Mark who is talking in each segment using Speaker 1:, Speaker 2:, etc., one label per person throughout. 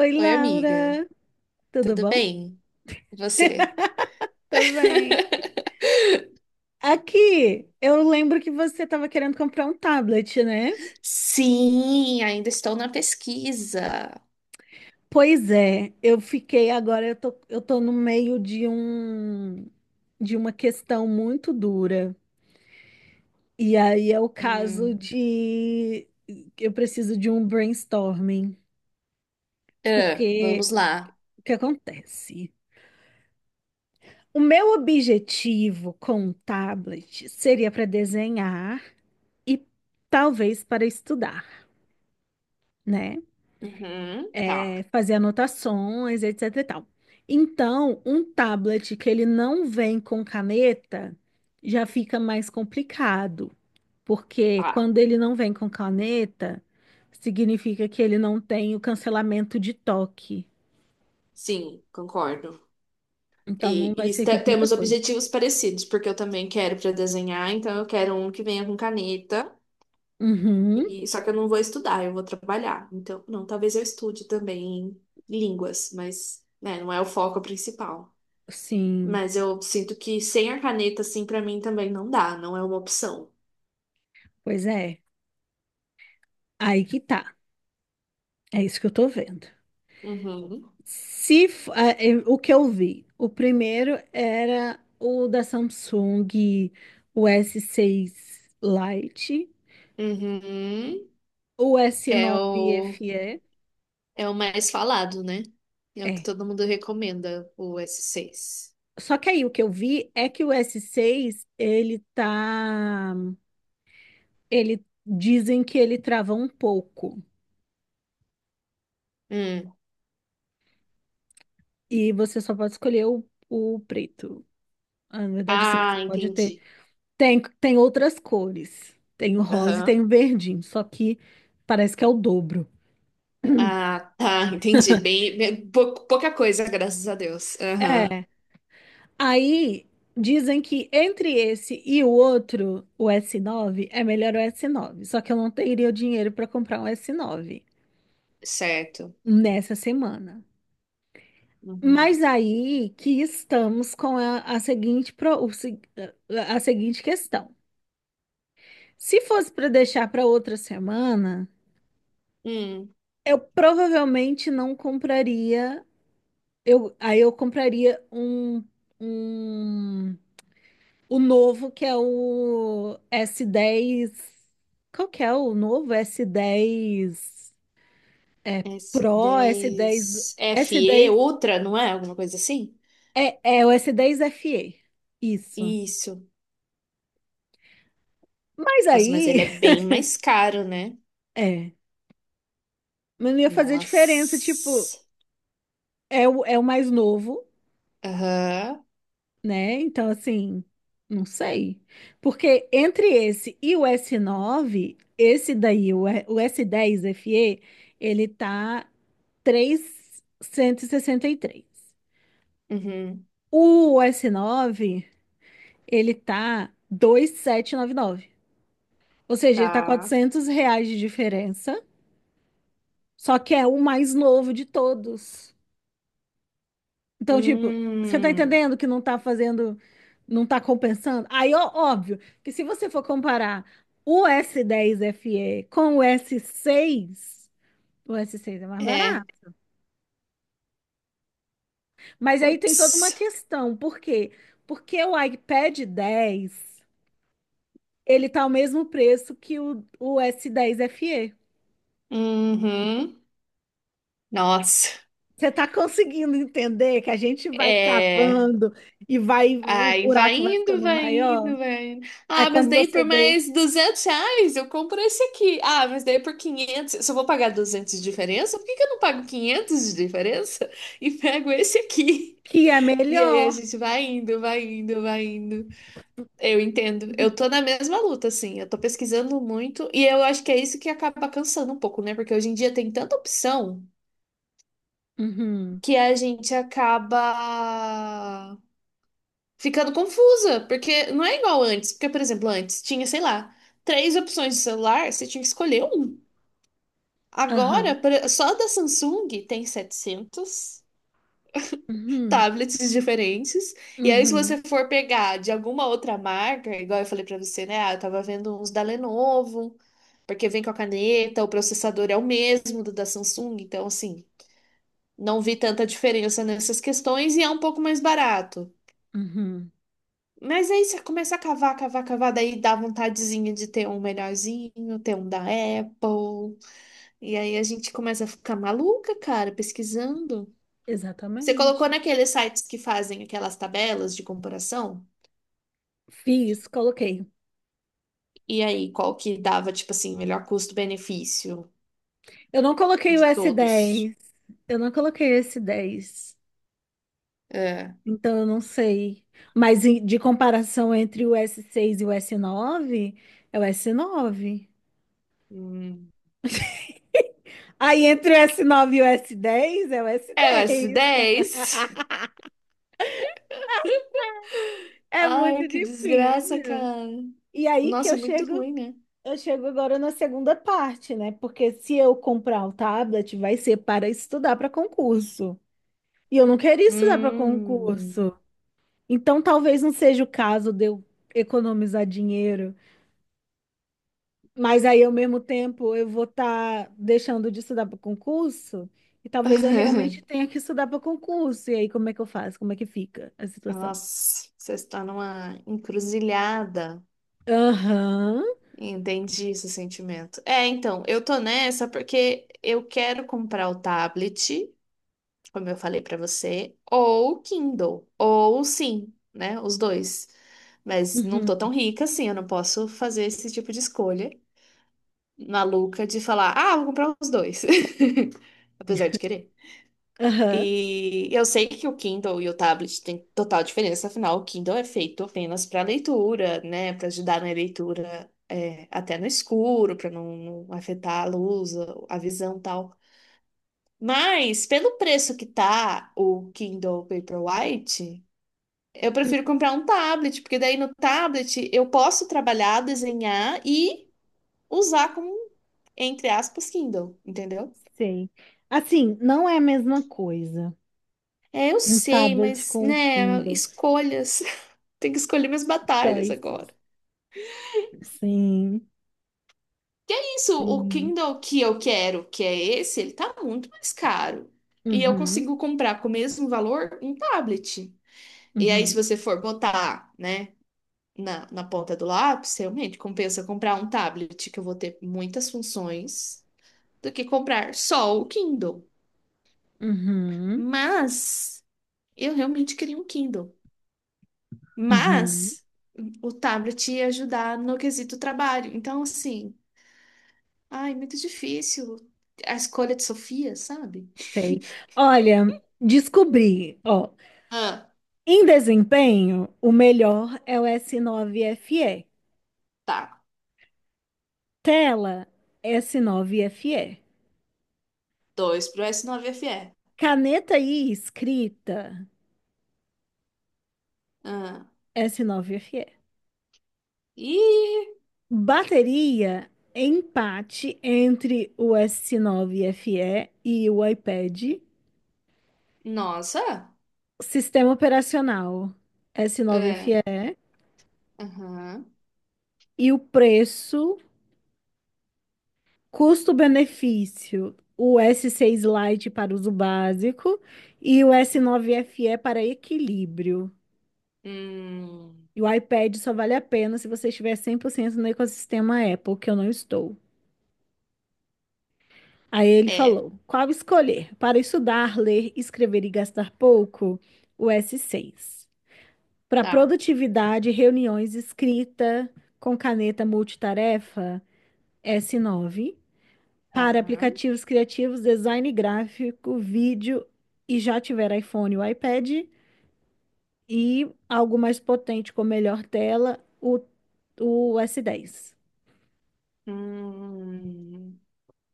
Speaker 1: Oi,
Speaker 2: Oi, amiga.
Speaker 1: Laura, tudo
Speaker 2: Tudo
Speaker 1: bom?
Speaker 2: bem? E você?
Speaker 1: Tô bem. Aqui, eu lembro que você estava querendo comprar um tablet, né?
Speaker 2: Sim, ainda estou na pesquisa.
Speaker 1: Pois é, eu fiquei agora, eu tô no meio de uma questão muito dura. E aí é o caso
Speaker 2: Hum.
Speaker 1: de eu preciso de um brainstorming,
Speaker 2: Ah,
Speaker 1: porque
Speaker 2: vamos lá.
Speaker 1: o que acontece? O meu objetivo com o tablet seria para desenhar e talvez para estudar, né?
Speaker 2: Uhum, tá,
Speaker 1: Fazer anotações, etc e tal. Então, um tablet que ele não vem com caneta já fica mais complicado, porque
Speaker 2: tá.
Speaker 1: quando ele não vem com caneta, significa que ele não tem o cancelamento de toque.
Speaker 2: Sim, concordo.
Speaker 1: Então,
Speaker 2: E,
Speaker 1: não vai
Speaker 2: e
Speaker 1: servir
Speaker 2: este-
Speaker 1: pra muita
Speaker 2: temos
Speaker 1: coisa.
Speaker 2: objetivos parecidos, porque eu também quero para desenhar, então eu quero um que venha com caneta.
Speaker 1: Uhum,
Speaker 2: E só que eu não vou estudar, eu vou trabalhar. Então, não, talvez eu estude também línguas, mas né, não é o foco principal.
Speaker 1: sim,
Speaker 2: Mas eu sinto que sem a caneta, assim, pra mim também não dá, não é uma opção.
Speaker 1: pois é. Aí que tá. É isso que eu tô vendo.
Speaker 2: Uhum.
Speaker 1: Se, f- ah, eh, O que eu vi, o primeiro era o da Samsung, o S6 Lite,
Speaker 2: Uhum.
Speaker 1: o
Speaker 2: É
Speaker 1: S9
Speaker 2: o,
Speaker 1: FE,
Speaker 2: é o mais falado, né? É o que
Speaker 1: é.
Speaker 2: todo mundo recomenda, o S6.
Speaker 1: Só que aí o que eu vi é que o S6, ele dizem que ele trava um pouco
Speaker 2: Hum.
Speaker 1: e você só pode escolher o preto. Ah, na verdade, sim, você
Speaker 2: Ah,
Speaker 1: pode ter.
Speaker 2: entendi.
Speaker 1: Tem outras cores. Tem o rosa e tem
Speaker 2: Aham.
Speaker 1: o verdinho, só que parece que é o dobro.
Speaker 2: Ah, tá, entendi. Pouca coisa, graças a Deus. Aham.
Speaker 1: É. Aí dizem que entre esse e o outro, o S9, é melhor o S9. Só que eu não teria o dinheiro para comprar um S9
Speaker 2: Certo.
Speaker 1: nessa semana.
Speaker 2: Uhum.
Speaker 1: Mas aí que estamos com a seguinte questão. Se fosse para deixar para outra semana,
Speaker 2: Hum.
Speaker 1: eu provavelmente não compraria. Eu compraria um, um O novo, que é o S10. Qual que é o novo? S10. É Pro, S10.
Speaker 2: S10. FE,
Speaker 1: S10.
Speaker 2: Ultra, não é? Alguma coisa assim?
Speaker 1: É o S10 FE. Isso.
Speaker 2: Isso.
Speaker 1: Mas
Speaker 2: Nossa, mas ele é
Speaker 1: aí.
Speaker 2: bem mais caro, né?
Speaker 1: É. Mas não ia fazer diferença. Tipo,
Speaker 2: Nossa.
Speaker 1: é o mais novo,
Speaker 2: Aham.
Speaker 1: né? Então, assim. Não sei. Porque entre esse e o S9, esse daí, o S10 FE, ele tá três cento e sessenta e três.
Speaker 2: Uhum.
Speaker 1: O s nove ele tá 2.799. Ou seja, ele tá
Speaker 2: Tá.
Speaker 1: 400 reais de diferença, só que é o mais novo de todos. Então, tipo, você tá
Speaker 2: Hum.
Speaker 1: entendendo que não tá compensando? Aí, ó, óbvio, que se você for comparar o S10 FE com o s seis é mais
Speaker 2: É.
Speaker 1: barato. Mas aí tem toda uma
Speaker 2: Putz.
Speaker 1: questão, por quê? Porque o iPad 10 ele tá ao mesmo preço que o S10 FE.
Speaker 2: Uhum. Nossa.
Speaker 1: Você tá conseguindo entender que a gente vai
Speaker 2: É.
Speaker 1: cavando e o
Speaker 2: Ai, vai
Speaker 1: buraco vai
Speaker 2: indo,
Speaker 1: ficando
Speaker 2: vai
Speaker 1: maior?
Speaker 2: indo, vai indo.
Speaker 1: Aí
Speaker 2: Ah, mas
Speaker 1: quando
Speaker 2: daí
Speaker 1: você
Speaker 2: por
Speaker 1: vê
Speaker 2: mais R$ 200 eu compro esse aqui. Ah, mas daí por 500. Se eu vou pagar 200 de diferença, por que que eu não pago 500 de diferença e pego esse aqui?
Speaker 1: que é
Speaker 2: E
Speaker 1: melhor.
Speaker 2: aí a gente vai indo, vai indo, vai indo. Eu entendo. Eu
Speaker 1: Uhum,
Speaker 2: tô na mesma luta, assim. Eu tô pesquisando muito e eu acho que é isso que acaba cansando um pouco, né? Porque hoje em dia tem tanta opção
Speaker 1: uhum,
Speaker 2: que a gente acaba ficando confusa, porque não é igual antes. Porque, por exemplo, antes tinha, sei lá, três opções de celular, você tinha que escolher um. Agora,
Speaker 1: aham,
Speaker 2: por- só da Samsung tem 700
Speaker 1: uhum,
Speaker 2: tablets diferentes. E aí, se você
Speaker 1: uhum,
Speaker 2: for pegar de alguma outra marca, igual eu falei pra você, né? Ah, eu tava vendo uns da Lenovo. Porque vem com a caneta, o processador é o mesmo do da Samsung, então assim, não vi tanta diferença nessas questões e é um pouco mais barato.
Speaker 1: uhum.
Speaker 2: Mas aí você começa a cavar, cavar, cavar, daí dá vontadezinha de ter um melhorzinho, ter um da Apple. E aí a gente começa a ficar maluca, cara, pesquisando. Você colocou
Speaker 1: Exatamente.
Speaker 2: naqueles sites que fazem aquelas tabelas de comparação?
Speaker 1: Fiz, coloquei.
Speaker 2: E aí, qual que dava, tipo assim, melhor custo-benefício
Speaker 1: Eu não coloquei o
Speaker 2: de todos?
Speaker 1: S10. Eu não coloquei o S10.
Speaker 2: É.
Speaker 1: Então, eu não sei. Mas de comparação entre o s seis e o s nove, é o s nove.
Speaker 2: Hum.
Speaker 1: Aí entre o s nove e o s dez, é o s
Speaker 2: É o
Speaker 1: dez.
Speaker 2: S10.
Speaker 1: É
Speaker 2: Ai,
Speaker 1: muito
Speaker 2: que desgraça,
Speaker 1: difícil.
Speaker 2: cara.
Speaker 1: E aí que
Speaker 2: Nossa, é muito ruim, né?
Speaker 1: eu chego agora na segunda parte, né? Porque se eu comprar o tablet, vai ser para estudar para concurso. E eu não queria estudar para
Speaker 2: Hum.
Speaker 1: concurso. Então, talvez não seja o caso de eu economizar dinheiro. Mas aí, ao mesmo tempo, eu vou estar deixando de estudar para concurso e talvez eu realmente tenha que estudar para concurso. E aí, como é que eu faço? Como é que fica a situação?
Speaker 2: Nossa, você está numa encruzilhada.
Speaker 1: Aham,
Speaker 2: Entendi esse sentimento. É, então, eu tô nessa porque eu quero comprar o tablet, como eu falei pra você, ou o Kindle, ou sim, né? Os dois. Mas não tô tão
Speaker 1: uhum,
Speaker 2: rica assim, eu não posso fazer esse tipo de escolha maluca de falar, ah, vou comprar os dois. Apesar de querer.
Speaker 1: aham,
Speaker 2: E eu sei que o Kindle e o tablet têm total diferença, afinal, o Kindle é feito apenas para leitura, né? Para ajudar na leitura é, até no escuro, para não afetar a luz, a visão e tal. Mas, pelo preço que tá o Kindle Paperwhite, eu prefiro comprar um tablet, porque daí no tablet eu posso trabalhar, desenhar e usar como, entre aspas, Kindle, entendeu?
Speaker 1: sei. Assim, não é a mesma coisa.
Speaker 2: É, eu
Speaker 1: Um
Speaker 2: sei,
Speaker 1: tablet
Speaker 2: mas,
Speaker 1: com um
Speaker 2: né,
Speaker 1: Kindle.
Speaker 2: escolhas. Tem que escolher minhas batalhas
Speaker 1: Choices.
Speaker 2: agora.
Speaker 1: Sim,
Speaker 2: Isso, o
Speaker 1: sim.
Speaker 2: Kindle que eu quero, que é esse, ele tá muito mais caro. E eu
Speaker 1: Uhum,
Speaker 2: consigo comprar com o mesmo valor um tablet. E aí, se
Speaker 1: uhum,
Speaker 2: você for botar, né, na ponta do lápis, realmente compensa comprar um tablet que eu vou ter muitas funções do que comprar só o Kindle.
Speaker 1: uhum,
Speaker 2: Mas eu realmente queria um Kindle.
Speaker 1: uhum,
Speaker 2: Mas o tablet ia ajudar no quesito trabalho. Então, assim. Ai, muito difícil. A escolha de Sofia, sabe?
Speaker 1: sei. Olha, descobri, ó,
Speaker 2: Ah,
Speaker 1: em desempenho, o melhor é o S9FE.
Speaker 2: tá.
Speaker 1: Tela, S9FE.
Speaker 2: Dois pro s nove F fe
Speaker 1: Caneta e escrita,
Speaker 2: Ah,
Speaker 1: S9FE.
Speaker 2: e...
Speaker 1: Bateria, empate entre o S9FE e o iPad.
Speaker 2: Nossa.
Speaker 1: Sistema operacional,
Speaker 2: É.
Speaker 1: S9FE. E
Speaker 2: Aham.
Speaker 1: E o preço, custo-benefício, o S6 Lite para uso básico e o S9FE para equilíbrio.
Speaker 2: Hum,
Speaker 1: E o iPad só vale a pena se você estiver 100% no ecossistema Apple, que eu não estou. Aí ele
Speaker 2: é.
Speaker 1: falou: qual escolher? Para estudar, ler, escrever e gastar pouco, o S6. Para
Speaker 2: Tá.
Speaker 1: produtividade, reuniões, escrita com caneta multitarefa, S9. Para
Speaker 2: Aham.
Speaker 1: aplicativos criativos, design gráfico, vídeo e já tiver iPhone ou iPad. E algo mais potente com melhor tela, o S10.
Speaker 2: Hum,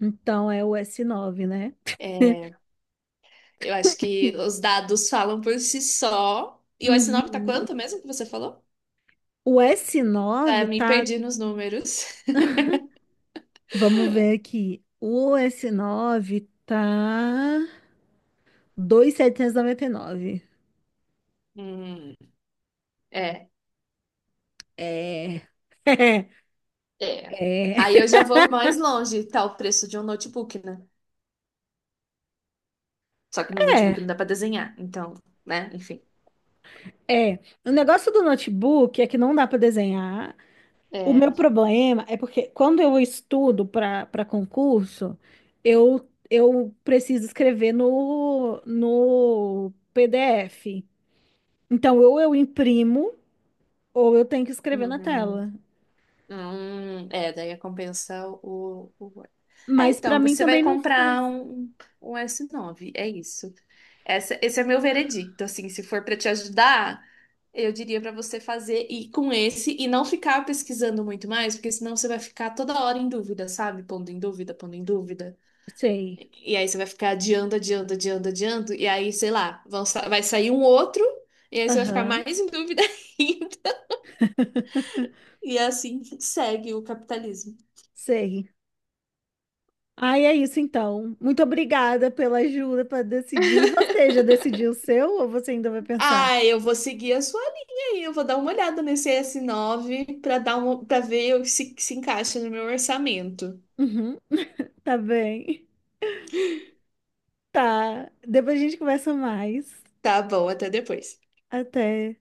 Speaker 1: Então é o s nove, né?
Speaker 2: é. Eu acho que os dados falam por si só. E o S9 tá
Speaker 1: Uhum.
Speaker 2: quanto mesmo que você falou?
Speaker 1: O s
Speaker 2: Já
Speaker 1: nove
Speaker 2: me
Speaker 1: tá.
Speaker 2: perdi nos números.
Speaker 1: Vamos ver aqui. O s nove tá 2.799.
Speaker 2: Hum, é.
Speaker 1: É.
Speaker 2: É.
Speaker 1: É.
Speaker 2: Aí eu já vou mais longe. Tá o preço de um notebook, né? Só que no notebook não
Speaker 1: É.
Speaker 2: dá pra desenhar, então, né? Enfim.
Speaker 1: É. O negócio do notebook é que não dá para desenhar. O
Speaker 2: É.
Speaker 1: meu problema é porque quando eu estudo para concurso, eu preciso escrever no PDF. Então, ou eu imprimo. Ou eu tenho que escrever na
Speaker 2: Uhum.
Speaker 1: tela.
Speaker 2: É, daí compensa o Word. É,
Speaker 1: Mas pra
Speaker 2: então,
Speaker 1: mim
Speaker 2: você vai
Speaker 1: também não faz.
Speaker 2: comprar um S9 é isso. Esse é meu veredicto, assim, se for para te ajudar, eu diria para você fazer e com esse e não ficar pesquisando muito mais, porque senão você vai ficar toda hora em dúvida, sabe? Pondo em dúvida, pondo em dúvida.
Speaker 1: Sei.
Speaker 2: E aí você vai ficar adiando, adiando, adiando, adiando. E aí, sei lá, vai sair um outro. E aí você vai ficar
Speaker 1: Aham,
Speaker 2: mais em dúvida ainda. E é assim segue o capitalismo.
Speaker 1: sei. Ai, é isso então. Muito obrigada pela ajuda para decidir. E você já decidiu o seu ou você ainda vai pensar?
Speaker 2: Ah, eu vou seguir a sua linha aí. Eu vou dar uma olhada nesse S9 para dar uma, para ver se se encaixa no meu orçamento.
Speaker 1: Uhum, tá bem. Tá. Depois a gente conversa mais.
Speaker 2: Tá bom, até depois.
Speaker 1: Até.